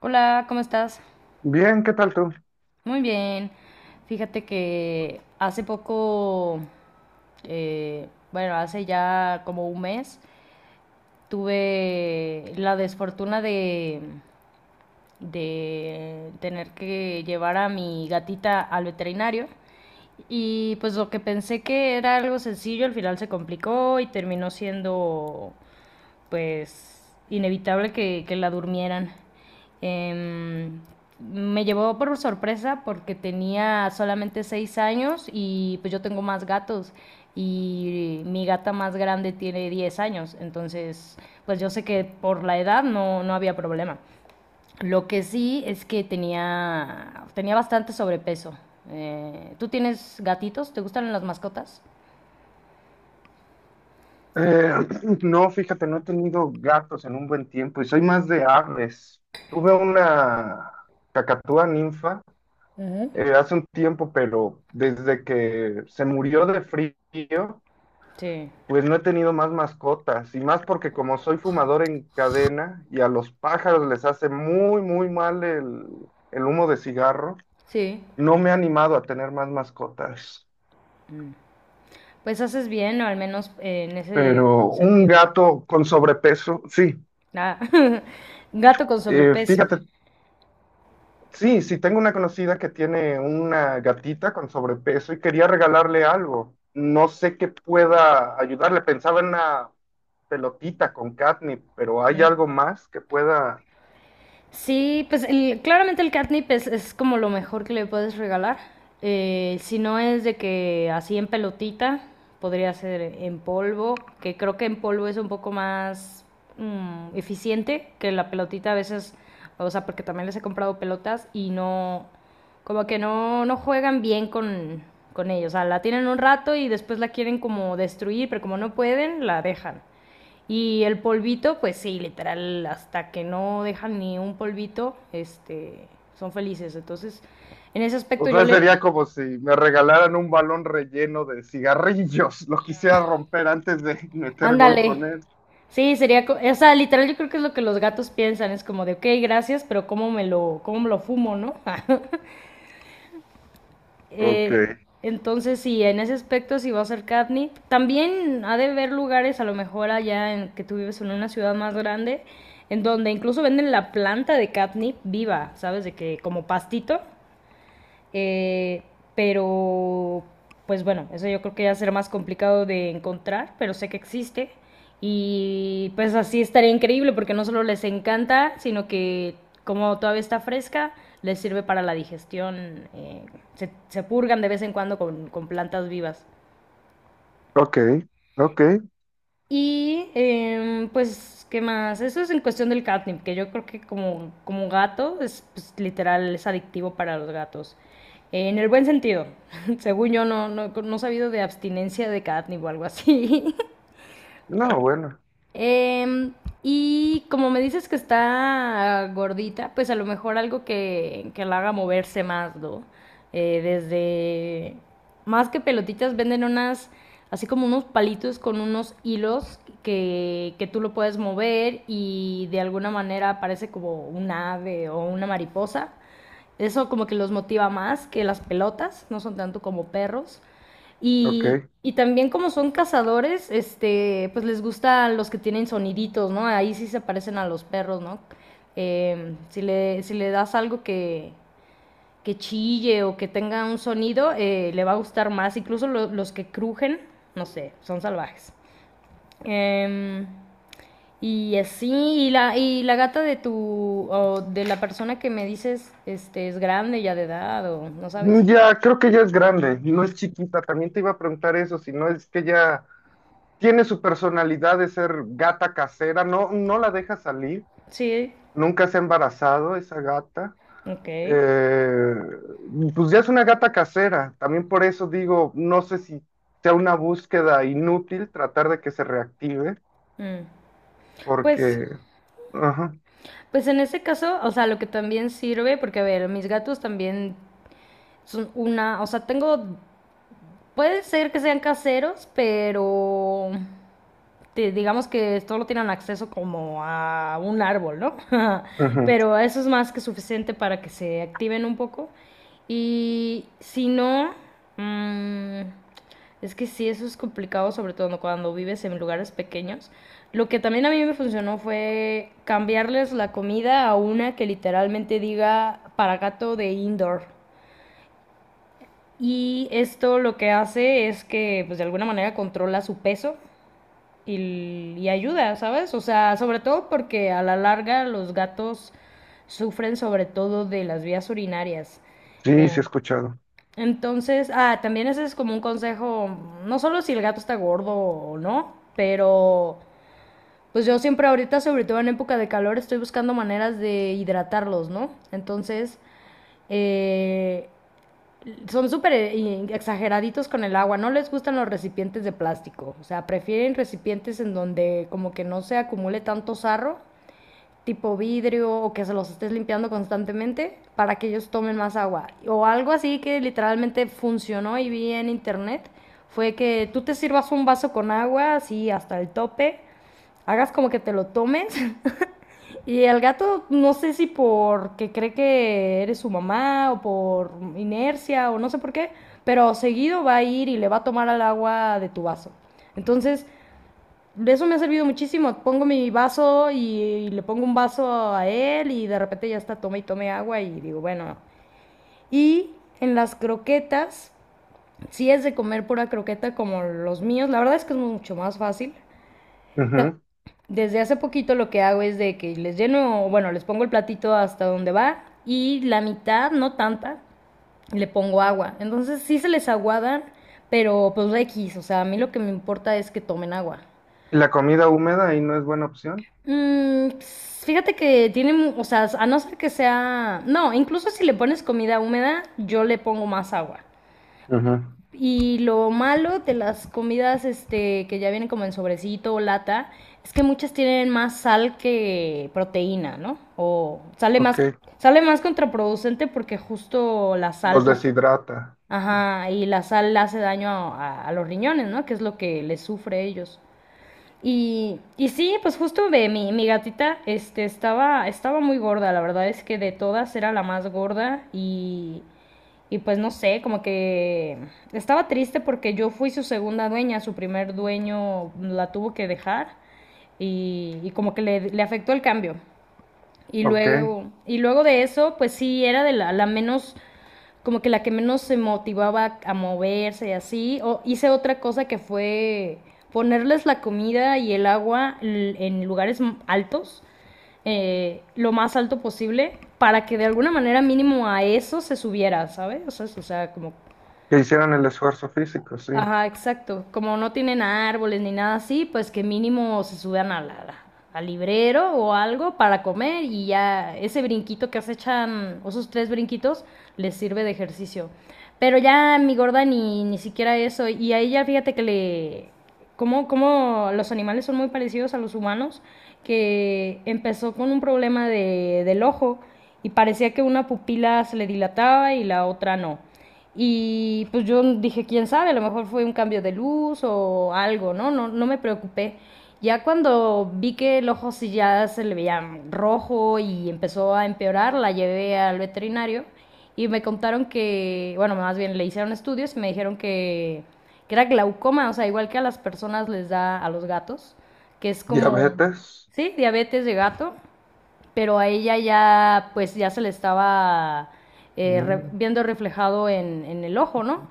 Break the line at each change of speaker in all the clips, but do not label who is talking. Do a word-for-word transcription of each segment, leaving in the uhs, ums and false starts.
Hola, ¿cómo estás?
Bien, ¿qué tal tú?
Muy bien. Fíjate que hace poco, eh, bueno, hace ya como un mes, tuve la desfortuna de, de tener que llevar a mi gatita al veterinario. Y pues lo que pensé que era algo sencillo, al final se complicó y terminó siendo pues inevitable que, que la durmieran. Eh, me llevó por sorpresa porque tenía solamente seis años y pues yo tengo más gatos y mi gata más grande tiene diez años, entonces pues yo sé que por la edad no, no había problema. Lo que sí es que tenía, tenía bastante sobrepeso. Eh, ¿Tú tienes gatitos? ¿Te gustan las mascotas?
Eh, no, fíjate, no he tenido gatos en un buen tiempo y soy más de aves. Tuve una cacatúa ninfa
Ujú.
eh, hace un tiempo, pero desde que se murió de frío,
Sí.
pues no he tenido más mascotas. Y más porque como soy fumador en cadena y a los pájaros les hace muy, muy mal el, el humo de cigarro,
Sí.
no me he animado a tener más mascotas.
Mm. Pues haces bien, o al menos eh, en ese
Pero un
sentido.
gato con sobrepeso, sí.
Ah, Gato con
Eh,
sobrepeso,
fíjate sí, sí, tengo una conocida que tiene una gatita con sobrepeso y quería regalarle algo. No sé qué pueda ayudarle. Pensaba en una pelotita con catnip, pero ¿hay
¿no?
algo más que pueda?
Sí, pues el- claramente el catnip es, es como lo mejor que le puedes regalar. Eh, si no es de que así en pelotita, podría ser en polvo, que creo que en polvo es un poco más mm, eficiente que la pelotita a veces, o sea, porque también les he comprado pelotas y no, como que no, no juegan bien con, con, ellos. O sea, la tienen un rato y después la quieren como destruir, pero como no pueden, la dejan. Y el polvito, pues sí, literal, hasta que no dejan ni un polvito, este, son felices. Entonces, en ese
O
aspecto yo
sea,
le...
sería como si me regalaran un balón relleno de cigarrillos. Lo quisiera romper antes de meter gol
Ándale.
con él.
Sí, sería... co- O sea, literal yo creo que es lo que los gatos piensan. Es como de, ok, gracias, pero ¿cómo me lo, cómo me lo fumo, ¿no?
Ok,
Eh, entonces, sí, en ese aspecto sí va a ser catnip. También ha de haber lugares, a lo mejor allá en que tú vives en una ciudad más grande, en donde incluso venden la planta de catnip viva, ¿sabes? De que como pastito. Eh, pero, pues bueno, eso yo creo que ya será más complicado de encontrar, pero sé que existe. Y pues así estaría increíble porque no solo les encanta, sino que como todavía está fresca, les sirve para la digestión. eh, se, se purgan de vez en cuando con, con plantas vivas.
ok, ok.
Y em, pues, ¿qué más? Eso es en cuestión del catnip, que yo creo que como, como gato es pues, literal, es adictivo para los gatos. En el buen sentido. Según yo, no, no, no he sabido de abstinencia de catnip o algo así.
No, bueno,
Em, y como me dices que está gordita, pues a lo mejor algo que, que la haga moverse más, ¿no? Eh, desde, más que pelotitas, venden unas, así como unos palitos con unos hilos que, que tú lo puedes mover y de alguna manera parece como un ave o una mariposa. Eso como que los motiva más que las pelotas, no son tanto como perros. Y,
ok.
y también como son cazadores, este, pues les gustan los que tienen soniditos, ¿no? Ahí sí se parecen a los perros, ¿no? Eh, si le, si le das algo que, que chille o que tenga un sonido, eh, le va a gustar más. Incluso lo- los que crujen, no sé, son salvajes. Em, y así, y la, y la gata de tu, o de la persona que me dices, este, es grande ya de edad o no sabes.
Ya, creo que ya es grande, no es chiquita. También te iba a preguntar eso, si no es que ya... tiene su personalidad de ser gata casera, no, no la deja salir,
Sí,
nunca se ha embarazado esa gata.
ok.
Eh, pues ya es una gata casera, también por eso digo, no sé si sea una búsqueda inútil tratar de que se reactive,
Mm. Pues
porque, ajá,
Pues en ese caso, o sea, lo que también sirve, porque a ver, mis gatos también son una, o sea, tengo, puede ser que sean caseros, pero digamos que solo tienen acceso como a un árbol, ¿no?
ujú,
Pero eso es más que suficiente para que se activen un poco. Y si no, mm, es que sí, eso es complicado, sobre todo cuando vives en lugares pequeños. Lo que también a mí me funcionó fue cambiarles la comida a una que literalmente diga para gato de indoor. Y esto lo que hace es que, pues de alguna manera controla su peso y, y ayuda, ¿sabes? O sea, sobre todo porque a la larga los gatos sufren sobre todo de las vías urinarias.
sí,
Eh,
sí he escuchado.
entonces, ah, también ese es como un consejo, no solo si el gato está gordo o no, pero pues yo siempre ahorita, sobre todo en época de calor, estoy buscando maneras de hidratarlos, ¿no? Entonces, eh, son súper eh, exageraditos con el agua, no les gustan los recipientes de plástico, o sea, prefieren recipientes en donde como que no se acumule tanto sarro, tipo vidrio o que se los estés limpiando constantemente para que ellos tomen más agua. O algo así que literalmente funcionó y vi en internet fue que tú te sirvas un vaso con agua así hasta el tope, hagas como que te lo tomes. Y el gato, no sé si porque cree que eres su mamá o por inercia o no sé por qué, pero seguido va a ir y le va a tomar al agua de tu vaso. Entonces, eso me ha servido muchísimo. Pongo mi vaso y, y le pongo un vaso a él y de repente ya está, tome y tome agua y digo, bueno. Y en las croquetas, si es de comer pura croqueta como los míos, la verdad es que es mucho más fácil. Ta-
Ujú.
Desde hace poquito lo que hago es de que les lleno, bueno, les pongo el platito hasta donde va y la mitad, no tanta, le pongo agua. Entonces sí se les aguadan, pero pues X, o sea, a mí lo que me importa es que tomen agua.
¿Y la comida húmeda ahí no es buena opción?
Mm, pues, fíjate que tiene, mu- o sea, a no ser que sea, no, incluso si le pones comida húmeda, yo le pongo más agua.
Ujú,
Y lo malo de las comidas este, que ya vienen como en sobrecito o lata es que muchas tienen más sal que proteína, ¿no? O sale más,
ok,
sale más contraproducente porque justo la sal,
los
pues,
deshidrata,
ajá, y la sal hace daño a, a- a los riñones, ¿no? Que es lo que les sufre a ellos. Y, y sí, pues justo ve, mi, mi gatita este, estaba, estaba muy gorda, la verdad es que de todas era la más gorda y, y pues no sé, como que estaba triste porque yo fui su segunda dueña, su primer dueño la tuvo que dejar y, y como que le, le afectó el cambio. Y
ok,
luego, y luego de eso, pues sí, era de la, la menos como que la que menos se motivaba a moverse y así. O hice otra cosa que fue ponerles la comida y el agua l- en lugares m- altos, eh, lo más alto posible, para que de alguna manera mínimo a eso se subiera, ¿sabes? O sea, o sea, como.
que hicieran el esfuerzo físico, sí.
Ajá, exacto. Como no tienen árboles ni nada así, pues que mínimo se suban a la- al librero o algo para comer y ya ese brinquito que se echan, o esos tres brinquitos, les sirve de ejercicio. Pero ya mi gorda ni, ni siquiera eso. Y a ella fíjate que le... Como, como los animales son muy parecidos a los humanos, que empezó con un problema de, del ojo y parecía que una pupila se le dilataba y la otra no. Y pues yo dije, quién sabe, a lo mejor fue un cambio de luz o algo, ¿no? No, no me preocupé. Ya cuando vi que el ojo sí ya se le veía rojo y empezó a empeorar, la llevé al veterinario y me contaron que, bueno, más bien le hicieron estudios y me dijeron que, que era glaucoma, o sea, igual que a las personas les da a los gatos, que es como,
Diabetes,
sí, diabetes de gato, pero a ella ya, pues ya se le estaba eh, re-
mm,
viendo reflejado en, en, el ojo, ¿no?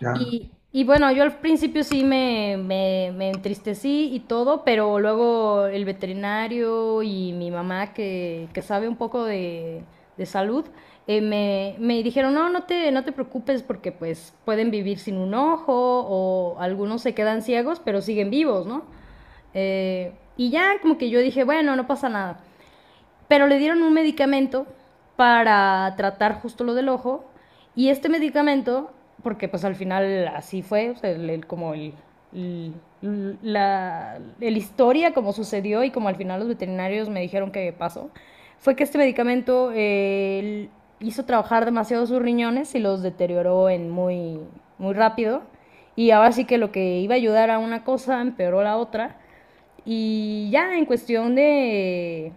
ya.
Y, y bueno, yo al principio sí me, me, me entristecí y todo, pero luego el veterinario y mi mamá, que, que sabe un poco de, de salud, eh, me, me dijeron, no, no te, no te preocupes porque pues pueden vivir sin un ojo o algunos se quedan ciegos, pero siguen vivos, ¿no? Eh, y ya como que yo dije, bueno, no pasa nada. Pero le dieron un medicamento para tratar justo lo del ojo y este medicamento, porque pues al final así fue, o sea, el- el- como el, el- la el historia, como sucedió y como al final los veterinarios me dijeron que pasó, fue que este medicamento eh, hizo trabajar demasiado sus riñones y los deterioró en muy, muy rápido. Y ahora sí que lo que iba a ayudar a una cosa empeoró la otra. Y ya en cuestión de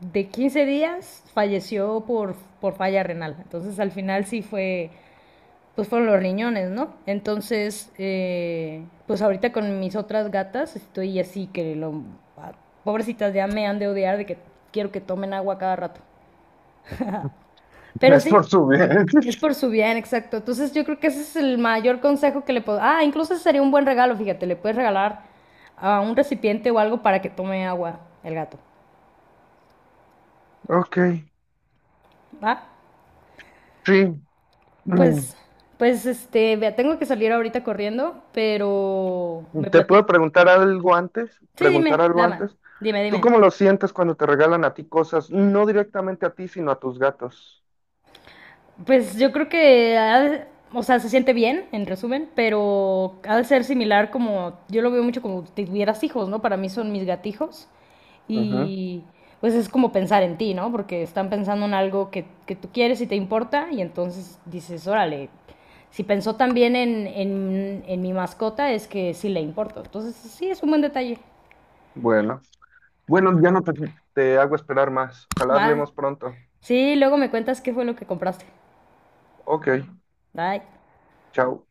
de quince días falleció por, por falla renal. Entonces al final sí fue, pues fueron los riñones, ¿no? Entonces, eh, pues ahorita con mis otras gatas estoy así que lo, ah, pobrecitas ya me han de odiar de que quiero que tomen agua cada rato. Pero
Es por
sí,
su bien.
es por su bien, exacto. Entonces yo creo que ese es el mayor consejo que le puedo... Ah, incluso ese sería un buen regalo, fíjate, le puedes regalar a un recipiente o algo para que tome agua el gato.
Ok,
¿Va?
sí. Mm.
Pues, pues, este, vea, tengo que salir ahorita corriendo, pero me
¿Te
platico.
puedo preguntar algo antes?
Sí,
Preguntar
dime,
algo
dama,
antes.
dime,
¿Tú
dime.
cómo lo sientes cuando te regalan a ti cosas? No directamente a ti, sino a tus gatos.
Pues yo creo que, ha de- o sea, se siente bien, en resumen, pero ha de ser similar como, yo lo veo mucho como si tuvieras hijos, ¿no? Para mí son mis gatijos
Ujú,
y pues es como pensar en ti, ¿no? Porque están pensando en algo que, que tú quieres y te importa y entonces dices, órale, si pensó también en, en, en mi mascota es que sí le importo. Entonces sí, es un buen detalle.
bueno. Bueno, ya no te, te hago esperar más. Ojalá
Va.
hablemos pronto.
Sí, luego me cuentas qué fue lo que compraste.
Ok,
Bye.
chao.